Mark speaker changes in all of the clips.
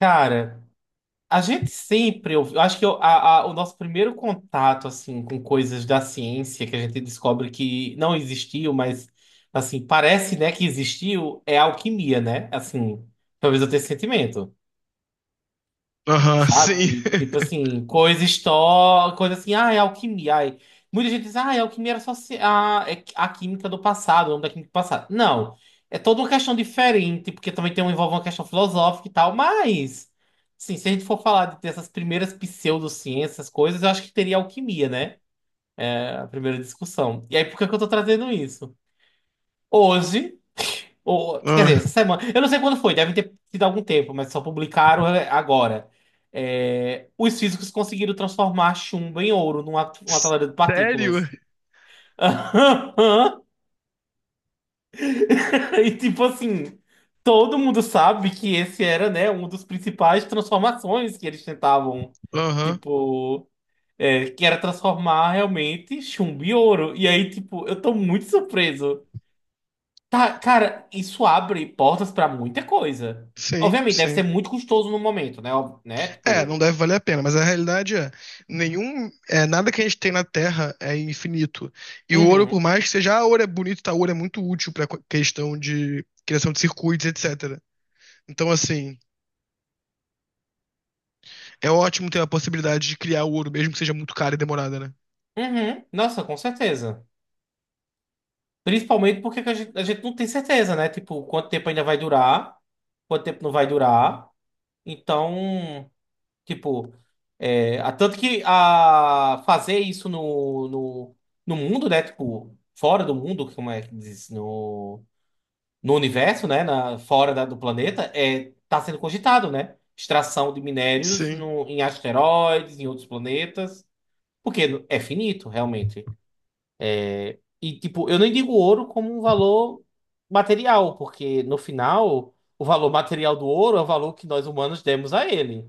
Speaker 1: Cara, a gente sempre ouviu. Eu Acho que eu- a- O nosso primeiro contato assim com coisas da ciência que a gente descobre que não existiu, mas assim parece, né, que existiu é a alquimia, né? Assim, talvez eu tenha esse sentimento.
Speaker 2: Aham, sim.
Speaker 1: Sabe? Tipo assim, coisa assim, ah, é alquimia. Ai. Muita gente diz, ah, é alquimia era só é a química do passado, o nome da química do passado. Não, é toda uma questão diferente, porque também tem, envolve uma questão filosófica e tal, mas, assim, se a gente for falar dessas primeiras pseudociências, essas coisas, eu acho que teria alquimia, né? É a primeira discussão. E aí, por que que eu tô trazendo isso? Hoje. Ou, quer dizer,
Speaker 2: Ah,
Speaker 1: essa semana. Eu não sei quando foi, deve ter sido algum tempo, mas só publicaram é, agora. É, os físicos conseguiram transformar chumbo em ouro numa acelerador de
Speaker 2: sério?
Speaker 1: partículas. E tipo assim, todo mundo sabe que esse era, né, um dos principais transformações que eles tentavam.
Speaker 2: Aham,
Speaker 1: Tipo, é, que era transformar realmente chumbo em ouro. E aí, tipo, eu tô muito surpreso. Tá, cara, isso abre portas pra muita coisa.
Speaker 2: sim,
Speaker 1: Obviamente, deve
Speaker 2: sim.
Speaker 1: ser muito custoso no momento, né? Ó, né?
Speaker 2: É, não
Speaker 1: Tipo,
Speaker 2: deve valer a pena, mas a realidade é, nada que a gente tem na Terra é infinito. E o ouro, por
Speaker 1: uhum,
Speaker 2: mais que seja, ah, ouro é bonito, tá, ouro é muito útil pra questão de criação de circuitos, etc. Então, assim, é ótimo ter a possibilidade de criar o ouro, mesmo que seja muito caro e demorada, né?
Speaker 1: uhum. Nossa, com certeza. Principalmente porque que a gente não tem certeza, né? Tipo, quanto tempo ainda vai durar, quanto tempo não vai durar. Então, tipo, é, tanto que a fazer isso no, no, no mundo, né? Tipo, fora do mundo, como é que diz? No universo, né, na, fora do planeta, é, tá sendo cogitado, né? Extração de minérios
Speaker 2: Sim.
Speaker 1: no, em asteroides, em outros planetas, porque é finito, realmente. É, e, tipo, eu nem digo ouro como um valor material, porque no final, o valor material do ouro é o valor que nós humanos demos a ele,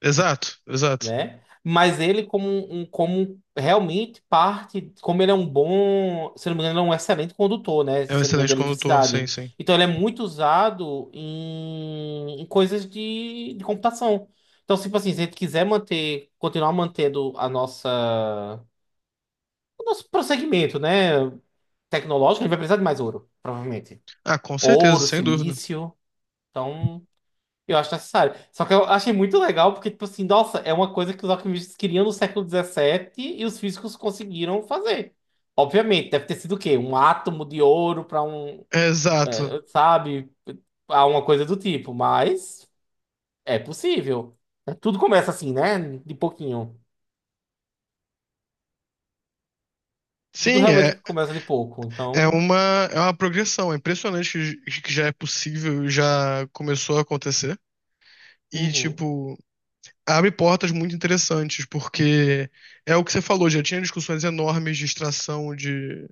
Speaker 2: Exato, exato.
Speaker 1: né? Mas ele como um, como realmente parte, como ele é um bom, se eu não me engano, ele é um excelente condutor, né?
Speaker 2: É um
Speaker 1: Se eu não me engano, de
Speaker 2: excelente condutor, sim,
Speaker 1: eletricidade.
Speaker 2: sim.
Speaker 1: Então ele é muito usado em, em coisas de computação. Então, tipo assim, se a gente quiser manter, continuar mantendo a nossa, o nosso prosseguimento, né, tecnológico, a gente vai precisar de mais ouro, provavelmente.
Speaker 2: Ah, com certeza,
Speaker 1: Ouro,
Speaker 2: sem dúvida.
Speaker 1: silício. Então, eu acho necessário. Só que eu achei muito legal porque, tipo assim, nossa, é uma coisa que os alquimistas queriam no século 17 e os físicos conseguiram fazer. Obviamente, deve ter sido o quê? Um átomo de ouro para um,
Speaker 2: Exato.
Speaker 1: é, sabe, alguma coisa do tipo, mas é possível. É, tudo começa assim, né? De pouquinho. Tudo
Speaker 2: Sim,
Speaker 1: realmente
Speaker 2: é,
Speaker 1: começa de pouco.
Speaker 2: é
Speaker 1: Então,
Speaker 2: uma, é uma progressão. É impressionante que já é possível, já começou a acontecer. E,
Speaker 1: uhum.
Speaker 2: tipo. Abre portas muito interessantes, porque é o que você falou, já tinha discussões enormes de extração de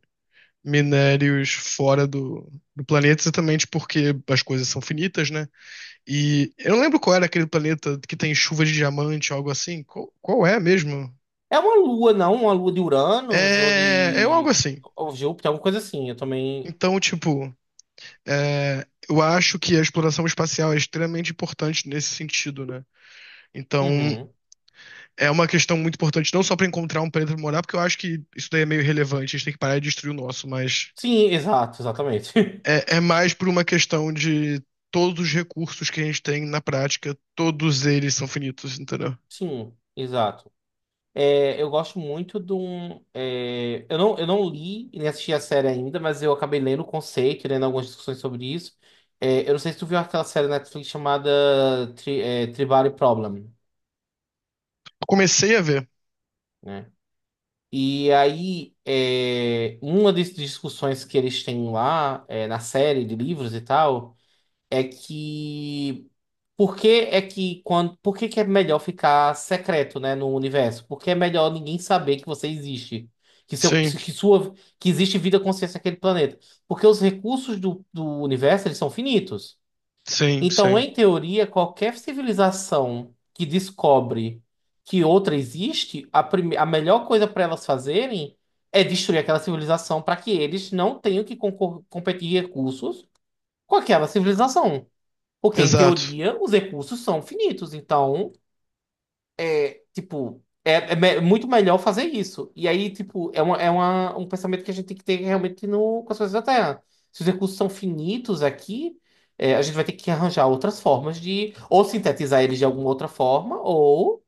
Speaker 2: minérios fora do planeta, exatamente porque as coisas são finitas, né? E eu não lembro qual era aquele planeta que tem chuva de diamante, algo assim. Qual é mesmo?
Speaker 1: É uma lua, não? Uma lua de Uranus ou
Speaker 2: É algo
Speaker 1: de
Speaker 2: assim.
Speaker 1: ou Júpiter, alguma coisa assim. Eu também.
Speaker 2: Então, tipo, eu acho que a exploração espacial é extremamente importante nesse sentido, né? Então,
Speaker 1: Uhum.
Speaker 2: é uma questão muito importante, não só para encontrar um planeta pra morar, porque eu acho que isso daí é meio relevante, a gente tem que parar de destruir o nosso, mas
Speaker 1: Sim, exato, exatamente.
Speaker 2: é mais por uma questão de todos os recursos que a gente tem na prática, todos eles são finitos, entendeu? Eu
Speaker 1: Sim, exato. É, eu gosto muito de um. É, eu não li e nem assisti a série ainda, mas eu acabei lendo o conceito, lendo algumas discussões sobre isso. É, eu não sei se tu viu aquela série na Netflix chamada Tribal Problem,
Speaker 2: comecei a ver.
Speaker 1: né? E aí, é, uma das discussões que eles têm lá, é, na série de livros e tal. É que por que que é melhor ficar secreto, né, no universo? Porque é melhor ninguém saber que você existe, que seu
Speaker 2: Sim,
Speaker 1: que sua que existe vida consciente naquele planeta, porque os recursos do, do universo eles são finitos.
Speaker 2: sim,
Speaker 1: Então,
Speaker 2: sim.
Speaker 1: em teoria, qualquer civilização que descobre que outra existe, a melhor coisa para elas fazerem é destruir aquela civilização para que eles não tenham que competir em recursos com aquela civilização. Porque, em
Speaker 2: Exato.
Speaker 1: teoria, os recursos são finitos. Então, é, tipo, é, muito melhor fazer isso. E aí, tipo, é, um pensamento que a gente tem que ter realmente no, com as coisas da Terra. Se os recursos são finitos aqui, é, a gente vai ter que arranjar outras formas de ou sintetizar eles de alguma outra forma, ou,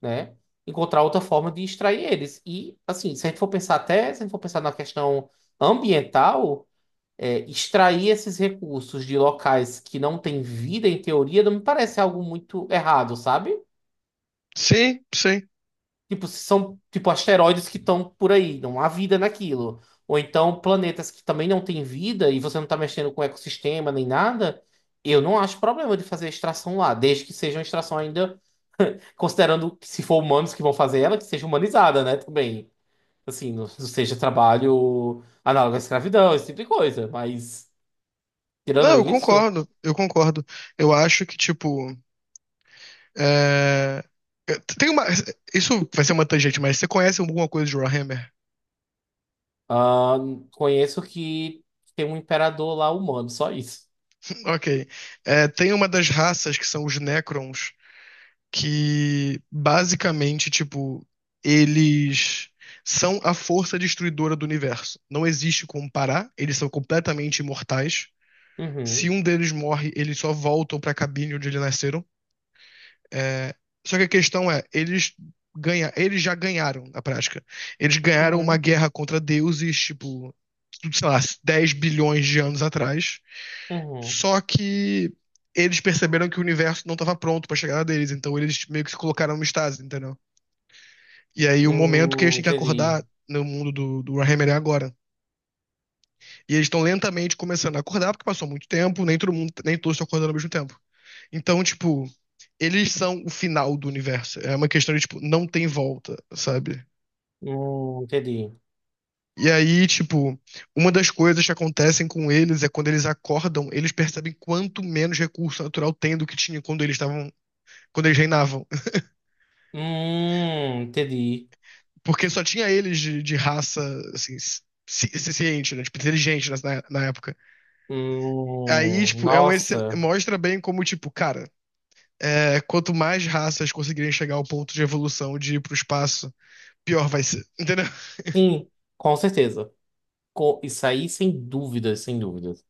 Speaker 1: né, encontrar outra forma de extrair eles. E, assim, se a gente for pensar até, se a gente for pensar na questão ambiental, é, extrair esses recursos de locais que não têm vida, em teoria, não me parece algo muito errado, sabe?
Speaker 2: Sim, sim.
Speaker 1: Tipo, se são tipo asteroides que estão por aí, não há vida naquilo. Ou então planetas que também não têm vida e você não está mexendo com o ecossistema nem nada, eu não acho problema de fazer extração lá, desde que seja uma extração ainda, considerando que se for humanos que vão fazer ela, que seja humanizada, né, também. Assim, não não seja trabalho análogo à escravidão, esse tipo de coisa. Mas,
Speaker 2: Não,
Speaker 1: tirando
Speaker 2: eu
Speaker 1: isso.
Speaker 2: concordo, eu concordo. Eu acho que, tipo, é, tem uma. Isso vai ser uma tangente, mas você conhece alguma coisa de Warhammer?
Speaker 1: Ah, conheço que tem um imperador lá humano, só isso.
Speaker 2: Ok. É, tem uma das raças que são os Necrons, que basicamente, tipo, eles são a força destruidora do universo. Não existe como parar, eles são completamente imortais. Se
Speaker 1: Uhum,
Speaker 2: um deles morre, eles só voltam pra cabine onde eles nasceram. É, só que a questão é, eles já ganharam na prática. Eles ganharam uma
Speaker 1: uhum,
Speaker 2: guerra contra deuses, tipo, sei lá, 10 bilhões de anos atrás.
Speaker 1: uhum.
Speaker 2: Só que eles perceberam que o universo não estava pronto pra chegar deles, então eles meio que se colocaram no estase, entendeu? E aí o momento que eles têm que
Speaker 1: Entendi.
Speaker 2: acordar no mundo do Warhammer é agora. E eles estão lentamente começando a acordar, porque passou muito tempo, nem todo mundo, nem todos estão acordando ao mesmo tempo. Então, tipo, eles são o final do universo. É uma questão de, tipo, não tem volta, sabe?
Speaker 1: Entendi.
Speaker 2: E aí, tipo, uma das coisas que acontecem com eles é quando eles acordam, eles percebem quanto menos recurso natural tem do que tinha quando eles estavam, quando eles reinavam.
Speaker 1: Entendi.
Speaker 2: Porque só tinha eles de raça, assim, ciente, né? Tipo, inteligente na época. Aí, tipo,
Speaker 1: Nossa.
Speaker 2: mostra bem como, tipo, cara, quanto mais raças conseguirem chegar ao ponto de evolução de ir pro espaço, pior vai ser. Entendeu?
Speaker 1: Sim, com certeza. Co- isso aí, sem dúvidas, sem dúvidas.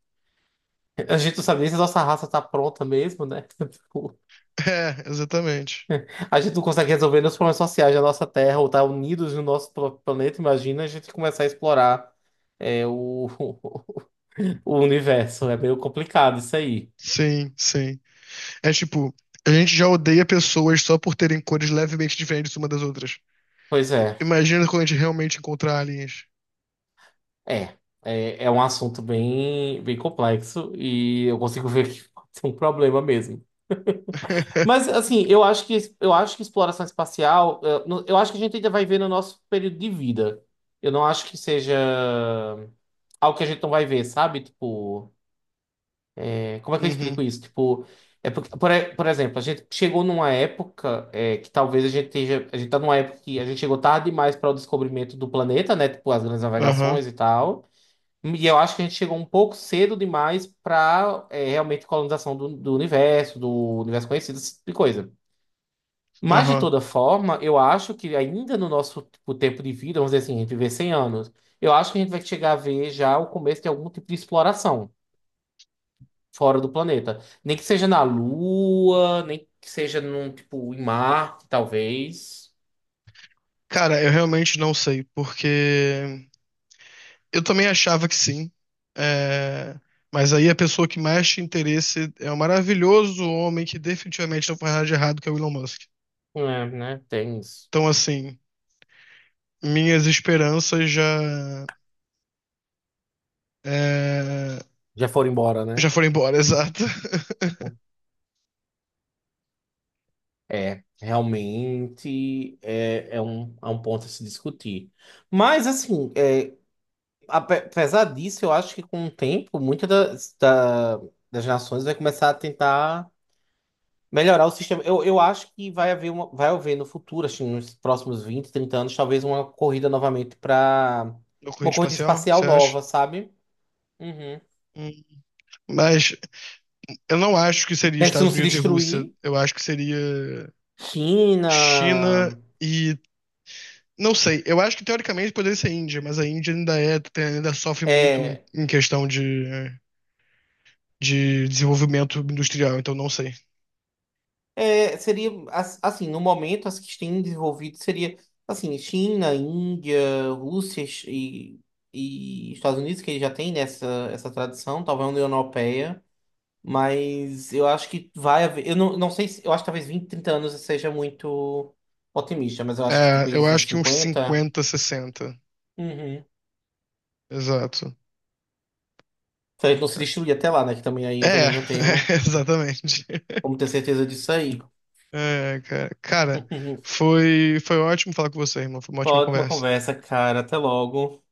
Speaker 1: A gente não sabe nem se a nossa raça tá pronta mesmo, né? Tipo,
Speaker 2: É, exatamente.
Speaker 1: a gente não consegue resolver nos problemas sociais da nossa Terra ou tá unidos no nosso planeta. Imagina a gente começar a explorar é, o, o universo é meio complicado isso aí.
Speaker 2: Sim, sim. É tipo, a gente já odeia pessoas só por terem cores levemente diferentes uma das outras.
Speaker 1: Pois é,
Speaker 2: Imagina quando a gente realmente encontrar aliens.
Speaker 1: é. É, é um assunto bem, bem complexo e eu consigo ver que pode ser um problema mesmo. Mas assim, eu acho que exploração espacial, eu, não- eu acho que a gente ainda vai ver no nosso período de vida. Eu não acho que seja algo que a gente não vai ver, sabe? Tipo, é, como é que eu explico
Speaker 2: Uhum,
Speaker 1: isso? Tipo, é porque, por, por exemplo, a gente chegou numa época é, que talvez a gente esteja, a gente tá numa época que a gente chegou tarde demais para o descobrimento do planeta, né? Tipo, as grandes
Speaker 2: aham,
Speaker 1: navegações e tal. E eu acho que a gente chegou um pouco cedo demais para realmente colonização do, do universo conhecido, esse tipo de coisa. Mas, de
Speaker 2: aham.
Speaker 1: toda forma, eu acho que ainda no nosso tipo, tempo de vida, vamos dizer assim, a gente viver 100 anos, eu acho que a gente vai chegar a ver já o começo de algum tipo de exploração fora do planeta. Nem que seja na Lua, nem que seja num, tipo, em Marte, talvez.
Speaker 2: Cara, eu realmente não sei, porque eu também achava que sim. É, mas aí a pessoa que mais tinha interesse é o maravilhoso homem que definitivamente não faz nada de errado, que é o Elon Musk.
Speaker 1: É, né? Tem isso.
Speaker 2: Então, assim, minhas esperanças é,
Speaker 1: Já foram embora, né?
Speaker 2: já foram embora, exato.
Speaker 1: É, realmente é, é um ponto a se discutir. Mas, assim, é, apesar disso, eu acho que com o tempo, muitas das, das nações vai começar a tentar. Melhorar o sistema. Eu acho que vai haver uma, vai haver no futuro, acho que nos próximos 20 30 anos, talvez uma corrida novamente para
Speaker 2: No corrida
Speaker 1: uma corrida
Speaker 2: espacial, você
Speaker 1: espacial
Speaker 2: acha?
Speaker 1: nova, sabe? Uhum.
Speaker 2: Hum. Mas eu não acho que seria
Speaker 1: É, se não
Speaker 2: Estados
Speaker 1: se
Speaker 2: Unidos e Rússia.
Speaker 1: destruir,
Speaker 2: Eu acho que seria China
Speaker 1: China.
Speaker 2: e. Não sei. Eu acho que teoricamente poderia ser Índia, mas a Índia ainda ainda sofre muito em
Speaker 1: É,
Speaker 2: em questão de desenvolvimento industrial, então não sei.
Speaker 1: é, seria assim, no momento, as que têm desenvolvido seria assim, China, Índia, Rússia e Estados Unidos, que já tem nessa essa tradição, talvez a União Europeia. Mas eu acho que vai haver. Eu não, não sei se. Eu acho que talvez 20 30 anos eu seja muito otimista, mas eu acho que
Speaker 2: É, eu
Speaker 1: talvez uns
Speaker 2: acho que uns
Speaker 1: 50.
Speaker 2: 50, 60.
Speaker 1: Uhum.
Speaker 2: Exato.
Speaker 1: Se a gente não se destruir até lá, né? Que também aí eu
Speaker 2: É,
Speaker 1: também não tenho
Speaker 2: exatamente.
Speaker 1: como ter certeza disso aí.
Speaker 2: É, cara, foi ótimo falar com você, irmão. Foi uma
Speaker 1: Foi
Speaker 2: ótima
Speaker 1: uma ótima
Speaker 2: conversa.
Speaker 1: conversa, cara. Até logo.